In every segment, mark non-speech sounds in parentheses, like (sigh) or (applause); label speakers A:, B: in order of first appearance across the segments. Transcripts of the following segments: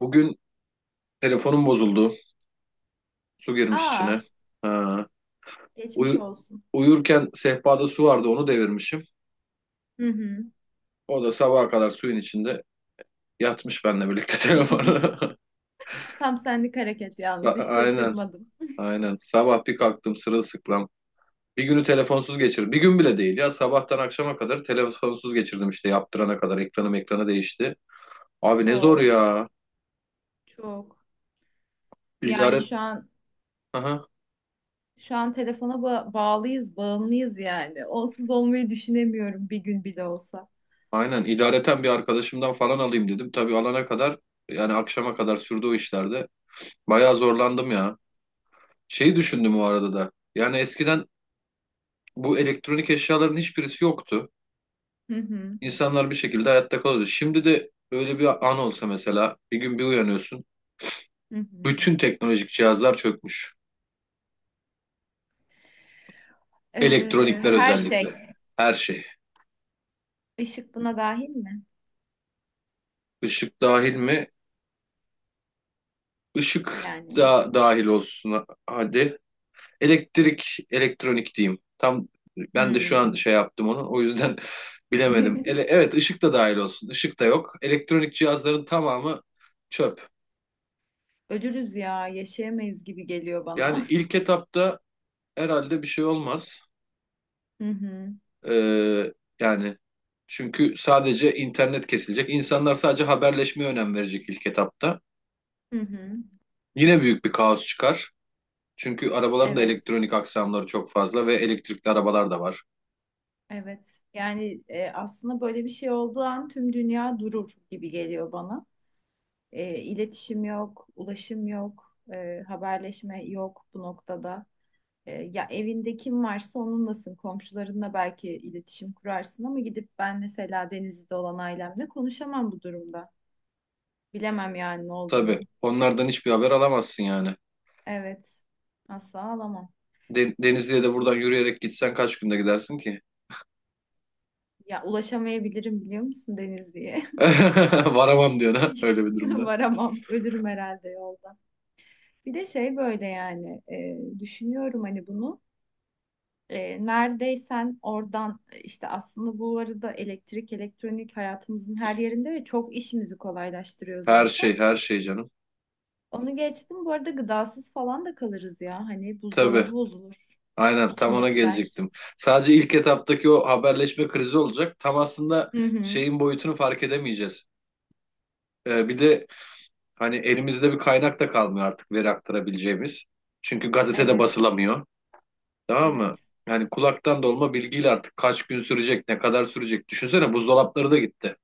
A: Bugün telefonum bozuldu. Su girmiş
B: Aa,
A: içine. Ha.
B: geçmiş
A: Uyu-
B: olsun.
A: Uyurken sehpada su vardı, onu devirmişim.
B: Hı hı.
A: O da sabaha kadar suyun içinde yatmış benimle birlikte (laughs) telefonu.
B: (laughs) Tam senlik hareket yalnız hiç
A: Aynen,
B: şaşırmadım.
A: aynen. Sabah bir kalktım sırılsıklam. Bir günü telefonsuz geçirdim. Bir gün bile değil ya. Sabahtan akşama kadar telefonsuz geçirdim işte, yaptırana kadar. Ekranım ekrana değişti. Abi ne zor
B: Oo,
A: ya.
B: çok. Yani
A: İdare...
B: şu an
A: Aha,
B: şu an telefona bağlıyız, bağımlıyız yani. Onsuz olmayı düşünemiyorum bir gün bile olsa.
A: aynen. İdareten bir arkadaşımdan falan alayım dedim. Tabii alana kadar yani akşama kadar sürdü o işlerde. Bayağı zorlandım ya. Şeyi düşündüm o arada da. Yani eskiden bu elektronik eşyaların hiçbirisi yoktu.
B: Hı hı,
A: İnsanlar bir şekilde hayatta kalıyordu. Şimdi de öyle bir an olsa, mesela bir gün bir uyanıyorsun.
B: hı hı.
A: Bütün teknolojik cihazlar çökmüş. Elektronikler
B: Her şey.
A: özellikle. Her şey.
B: Işık buna dahil mi?
A: Işık dahil mi? Işık
B: Yani.
A: da dahil olsun hadi. Elektrik, elektronik diyeyim. Tam ben de şu
B: Hmm.
A: an şey yaptım onu. O yüzden (laughs) bilemedim.
B: (laughs)
A: Evet, ışık da dahil olsun. Işık da yok. Elektronik cihazların tamamı çöp.
B: Ölürüz ya, yaşayamayız gibi geliyor
A: Yani
B: bana.
A: ilk etapta herhalde bir şey olmaz.
B: (laughs) Hı hı.
A: Ee, yani çünkü sadece internet kesilecek. İnsanlar sadece haberleşmeye önem verecek ilk etapta.
B: Hı hı.
A: Yine büyük bir kaos çıkar. Çünkü arabaların da
B: Evet.
A: elektronik aksamları çok fazla ve elektrikli arabalar da var.
B: Evet. Yani aslında böyle bir şey olduğu an tüm dünya durur gibi geliyor bana. İletişim yok, ulaşım yok, haberleşme yok bu noktada. Ya evinde kim varsa onunlasın. Komşularınla belki iletişim kurarsın ama gidip ben mesela Denizli'de olan ailemle konuşamam bu durumda. Bilemem yani ne olduğunu.
A: Tabii onlardan hiçbir haber alamazsın yani.
B: Evet. Asla alamam.
A: Denizli'ye de buradan yürüyerek gitsen kaç günde gidersin ki?
B: Ya ulaşamayabilirim biliyor musun Denizli'ye?
A: (laughs) Varamam diyor ha,
B: (laughs)
A: öyle bir durumda.
B: Varamam. Ölürüm herhalde yolda. Bir de şey böyle yani düşünüyorum hani bunu. Neredeysen oradan işte aslında bu arada elektrik, elektronik hayatımızın her yerinde ve çok işimizi kolaylaştırıyor
A: Her
B: zaten.
A: şey, her şey canım.
B: Onu geçtim. Bu arada gıdasız falan da kalırız ya. Hani buzdolabı
A: Tabii.
B: bozulur
A: Aynen, tam ona
B: içindekiler.
A: gelecektim. Sadece ilk etaptaki o haberleşme krizi olacak. Tam aslında
B: Hı hı.
A: şeyin boyutunu fark edemeyeceğiz. Bir de hani elimizde bir kaynak da kalmıyor artık, veri aktarabileceğimiz. Çünkü gazetede
B: Evet.
A: basılamıyor. Tamam mı?
B: Evet.
A: Yani kulaktan dolma bilgiyle artık kaç gün sürecek, ne kadar sürecek. Düşünsene, buzdolapları da gitti.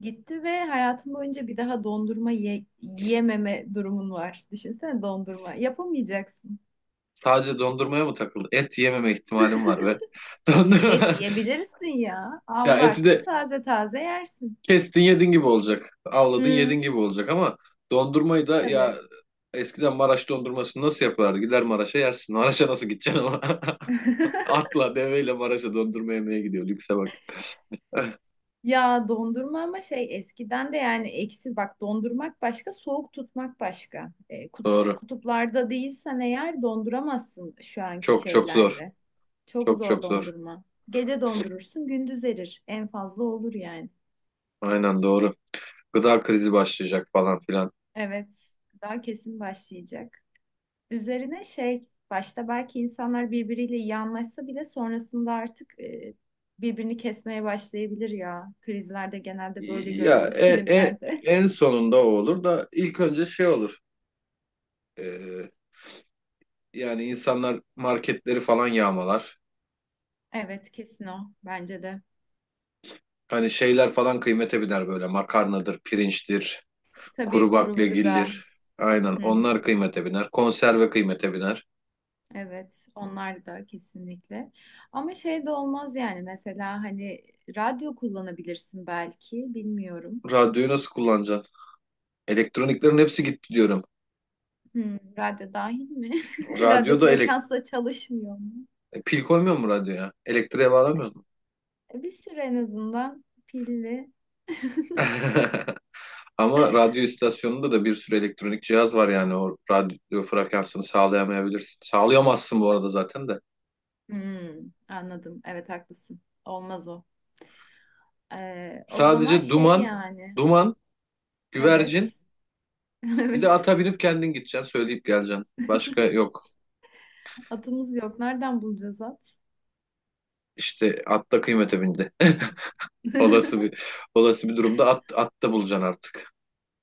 B: Gitti ve hayatım boyunca bir daha dondurma yememe durumun var. Düşünsene dondurma. Yapamayacaksın.
A: Sadece dondurmaya mı takıldı? Et yememe ihtimalim var ve (laughs)
B: (laughs) Et
A: dondurma
B: yiyebilirsin ya.
A: ya, eti de
B: Avlarsın taze taze yersin.
A: kestin yedin gibi olacak. Avladın
B: Hı,
A: yedin gibi olacak ama dondurmayı da ya,
B: tabii.
A: eskiden Maraş dondurmasını nasıl yapardı? Gider Maraş'a yersin. Maraş'a nasıl gideceksin ama? (laughs)
B: (laughs)
A: Atla deveyle Maraş'a dondurma yemeye gidiyor. Lükse bak.
B: Ya dondurma ama şey eskiden de yani eksi bak dondurmak başka soğuk tutmak başka.
A: Doğru.
B: Kutuplarda değilsen eğer donduramazsın şu anki
A: Çok çok zor.
B: şeylerle. Çok
A: Çok
B: zor
A: çok zor.
B: dondurma. Gece dondurursun gündüz erir. En fazla olur yani.
A: Aynen doğru. Gıda krizi başlayacak falan filan.
B: Evet, daha kesin başlayacak. Üzerine şey, başta belki insanlar birbiriyle iyi anlaşsa bile sonrasında artık birbirini kesmeye başlayabilir ya. Krizlerde genelde böyle
A: Ya
B: görüyoruz
A: e, e,
B: filmlerde. (laughs)
A: en sonunda o olur da ilk önce şey olur. Ee, yani insanlar marketleri falan yağmalar.
B: Evet, kesin o bence de.
A: Hani şeyler falan kıymete biner, böyle makarnadır, pirinçtir,
B: Tabii
A: kuru
B: kuru gıda.
A: baklagildir. Aynen,
B: Hı hı.
A: onlar kıymete biner. Konserve kıymete biner.
B: Evet, onlar da kesinlikle. Ama şey de olmaz yani mesela hani radyo kullanabilirsin belki, bilmiyorum.
A: Radyoyu nasıl kullanacaksın? Elektroniklerin hepsi gitti diyorum.
B: Hı, radyo dahil mi? (laughs) Radyo
A: Radyoda elek
B: frekansla çalışmıyor mu?
A: E, pil koymuyor mu radyoya? Elektriğe bağlamıyor mu?
B: Bir süre en azından pilli.
A: (laughs) Ama radyo istasyonunda da bir sürü elektronik cihaz var, yani o radyo frekansını sağlayamayabilirsin. Sağlayamazsın bu arada zaten de.
B: Hmm, anladım. Evet haklısın. Olmaz o. O zaman
A: Sadece
B: şey
A: duman,
B: yani.
A: duman, güvercin.
B: Evet. (laughs)
A: Bir de
B: Evet.
A: ata binip kendin gideceksin, söyleyip geleceksin. Başka yok.
B: Atımız yok. Nereden bulacağız at?
A: İşte at da kıymete bindi. (laughs) Olası
B: (laughs)
A: bir olası bir durumda at, at da bulacaksın artık.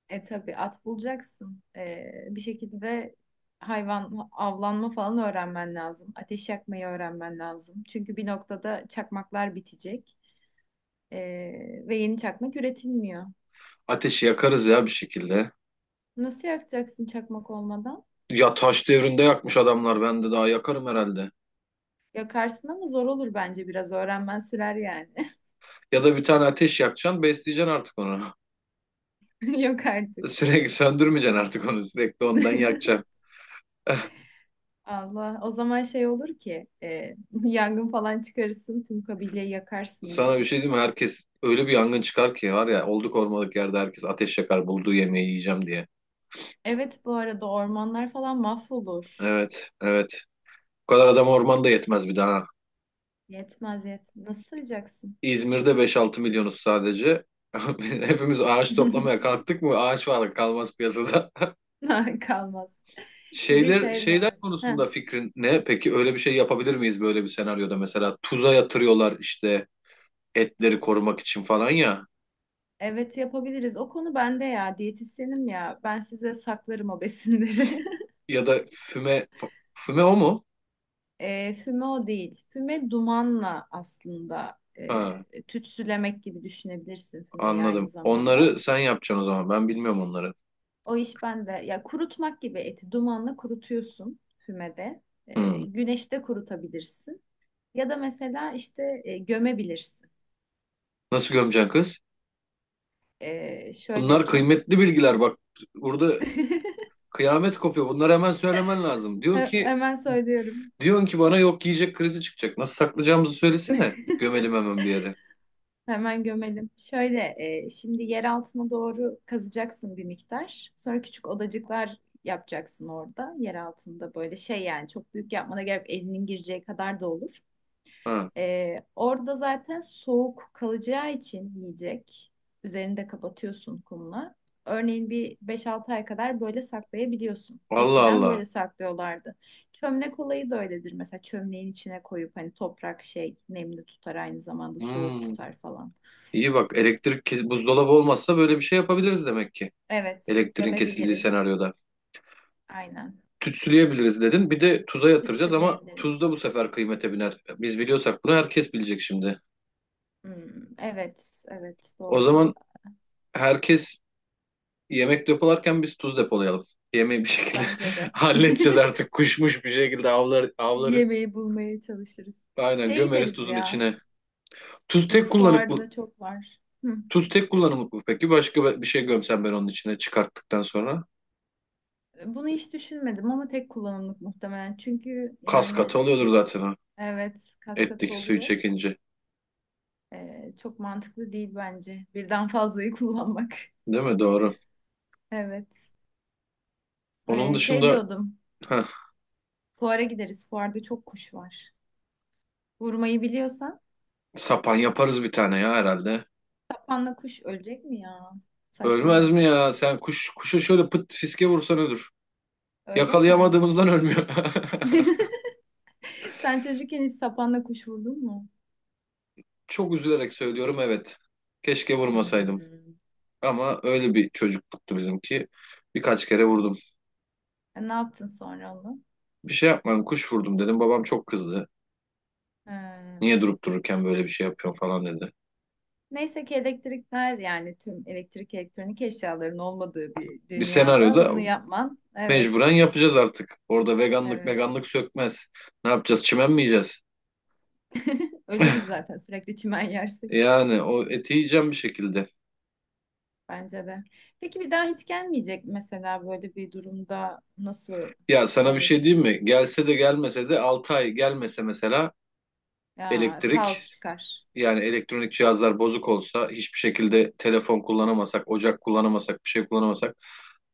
B: E tabii at bulacaksın. Bir şekilde hayvan avlanma falan öğrenmen lazım. Ateş yakmayı öğrenmen lazım. Çünkü bir noktada çakmaklar bitecek. Ve yeni çakmak üretilmiyor.
A: Ateşi yakarız ya bir şekilde.
B: Nasıl yakacaksın çakmak olmadan?
A: Ya taş devrinde yakmış adamlar. Ben de daha yakarım herhalde.
B: Yakarsın ama zor olur bence biraz. Öğrenmen sürer yani.
A: Ya da bir tane ateş yakacaksın, besleyeceksin artık onu.
B: (laughs) Yok artık.
A: (laughs) Sürekli söndürmeyeceksin artık onu. Sürekli ondan yakacaksın.
B: (laughs)
A: (laughs)
B: Allah. O zaman şey olur ki (laughs) yangın falan çıkarırsın tüm kabileyi yakarsın bir
A: Sana bir
B: anda.
A: şey diyeyim mi? Herkes öyle bir yangın çıkar ki var ya, olduk ormanlık yerde herkes ateş yakar bulduğu yemeği yiyeceğim diye.
B: Evet bu arada ormanlar falan mahvolur.
A: Evet, evet. Bu kadar adam ormanda yetmez bir daha.
B: Yetmez yetmez. Nasıl sığacaksın?
A: İzmir'de beş altı milyonuz sadece. (laughs) Hepimiz ağaç toplamaya
B: (laughs)
A: kalktık mı ağaç varlık kalmaz piyasada.
B: Ha, kalmaz.
A: (laughs)
B: Bir de
A: Şeyler
B: şey
A: şeyler
B: var. Heh,
A: konusunda fikrin ne? Peki öyle bir şey yapabilir miyiz böyle bir senaryoda, mesela tuza yatırıyorlar işte etleri korumak için falan, ya
B: evet yapabiliriz. O konu bende ya. Diyetisyenim ya. Ben size saklarım o besinleri.
A: ya da füme füme o mu?
B: Füme o değil. Füme dumanla aslında
A: Ha,
B: tütsülemek gibi düşünebilirsin fümeyi aynı
A: anladım.
B: zamanda.
A: Onları sen yapacaksın o zaman. Ben bilmiyorum onları.
B: O iş bende. Ya kurutmak gibi eti dumanla kurutuyorsun fümede.
A: Hmm.
B: Güneşte kurutabilirsin. Ya da mesela işte gömebilirsin.
A: Nasıl gömeceksin kız?
B: E, şöyle
A: Bunlar
B: çok
A: kıymetli bilgiler bak. Burada
B: (laughs)
A: kıyamet kopuyor. Bunları hemen söylemen lazım. Diyor ki,
B: Hemen söylüyorum.
A: diyorsun ki bana, yok yiyecek krizi çıkacak. Nasıl saklayacağımızı söylesene. Gömelim hemen bir yere.
B: Hemen gömelim. Şöyle, şimdi yer altına doğru kazacaksın bir miktar. Sonra küçük odacıklar yapacaksın orada. Yer altında böyle şey yani çok büyük yapmana gerek yok. Elinin gireceği kadar da olur.
A: Ha.
B: Orada zaten soğuk kalacağı için yiyecek. Üzerini de kapatıyorsun kumla. Örneğin bir beş altı ay kadar böyle saklayabiliyorsun.
A: Allah
B: Eskiden
A: Allah.
B: böyle saklıyorlardı. Çömlek olayı da öyledir. Mesela çömleğin içine koyup hani toprak şey nemli tutar aynı zamanda soğuk
A: Hmm.
B: tutar falan.
A: İyi bak, elektrik kes, buzdolabı olmazsa böyle bir şey yapabiliriz demek ki.
B: Evet,
A: Elektriğin kesildiği
B: gömebiliriz.
A: senaryoda.
B: Aynen.
A: Tütsüleyebiliriz dedin. Bir de tuza yatıracağız ama tuz
B: Ütseleyebiliriz.
A: da bu sefer kıymete biner. Biz biliyorsak bunu herkes bilecek şimdi.
B: Hmm, evet, evet
A: O
B: doğru.
A: zaman herkes yemek depolarken biz tuz depolayalım. Yemeği bir şekilde
B: Bence de.
A: (laughs) halledeceğiz
B: (laughs)
A: artık. Kuşmuş, bir şekilde avlar, avlarız.
B: Yemeği bulmaya çalışırız.
A: Aynen,
B: Şeye
A: gömeriz
B: gideriz
A: tuzun
B: ya.
A: içine. Tuz tek kullanımlık
B: Fuarda çok var. Hı.
A: Tuz tek kullanımlık mı peki? Başka bir şey gömsem ben onun içine çıkarttıktan sonra.
B: Bunu hiç düşünmedim ama tek kullanımlık muhtemelen. Çünkü
A: Kas
B: yani
A: katı oluyordur zaten o.
B: evet kaskatı
A: Etteki suyu
B: oluyor.
A: çekince.
B: Çok mantıklı değil bence. Birden fazlayı kullanmak. (laughs)
A: Değil mi? Doğru.
B: Evet.
A: Onun
B: Şey
A: dışında,
B: diyordum.
A: heh,
B: Fuara gideriz. Fuarda çok kuş var. Vurmayı biliyorsan.
A: sapan yaparız bir tane ya herhalde.
B: Panla kuş ölecek mi ya?
A: Ölmez
B: Saçmalama.
A: mi ya? Sen kuş kuşa şöyle pıt fiske vursan ölür.
B: Öyle mi?
A: Yakalayamadığımızdan ölmüyor.
B: (laughs) Sen çocukken hiç sapanla kuş vurdun mu?
A: (laughs) Çok üzülerek söylüyorum, evet. Keşke vurmasaydım.
B: Hmm.
A: Ama öyle bir çocukluktu bizimki. Birkaç kere vurdum.
B: Ne yaptın sonra onu?
A: Bir şey yapmam, kuş vurdum dedim. Babam çok kızdı.
B: He.
A: Niye durup dururken böyle bir şey yapıyorsun falan dedi.
B: Neyse ki elektrikler yani tüm elektrik elektronik eşyaların olmadığı bir
A: Bir
B: dünyada
A: senaryoda
B: bunu yapman.
A: mecburen
B: Evet.
A: yapacağız artık. Orada veganlık
B: Evet.
A: veganlık sökmez. Ne yapacağız? Çimen mi yiyeceğiz?
B: Ölürüz zaten sürekli çimen (laughs) yersek.
A: Yani o eti yiyeceğim bir şekilde.
B: Bence de. Peki bir daha hiç gelmeyecek mesela böyle bir durumda nasıl
A: Ya sana bir
B: olur?
A: şey diyeyim mi? Gelse de gelmese de, 6 ay gelmese mesela
B: Ya
A: elektrik,
B: kaos çıkar.
A: yani elektronik cihazlar bozuk olsa, hiçbir şekilde telefon kullanamasak, ocak kullanamasak, bir şey kullanamasak,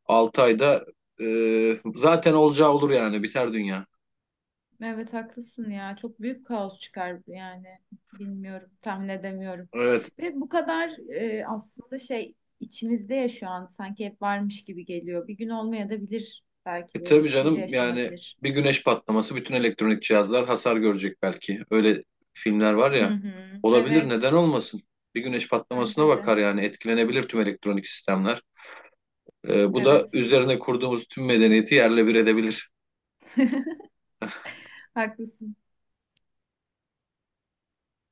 A: 6 ayda e, zaten olacağı olur yani, biter dünya.
B: Evet haklısın ya. Çok büyük kaos çıkar yani. Bilmiyorum, tahmin edemiyorum.
A: Evet.
B: Ve bu kadar aslında şey içimizde ya şu an sanki hep varmış gibi geliyor. Bir gün olmaya da bilir belki
A: E
B: böyle
A: tabii
B: bir şey de
A: canım, yani
B: yaşanabilir.
A: bir güneş patlaması, bütün elektronik cihazlar hasar görecek belki. Öyle filmler var
B: Hı
A: ya.
B: hı.
A: Olabilir, neden
B: Evet,
A: olmasın? Bir güneş patlamasına
B: bence de.
A: bakar yani, etkilenebilir tüm elektronik sistemler. E, bu da
B: Evet.
A: üzerine kurduğumuz tüm medeniyeti yerle bir edebilir.
B: (laughs) Haklısın.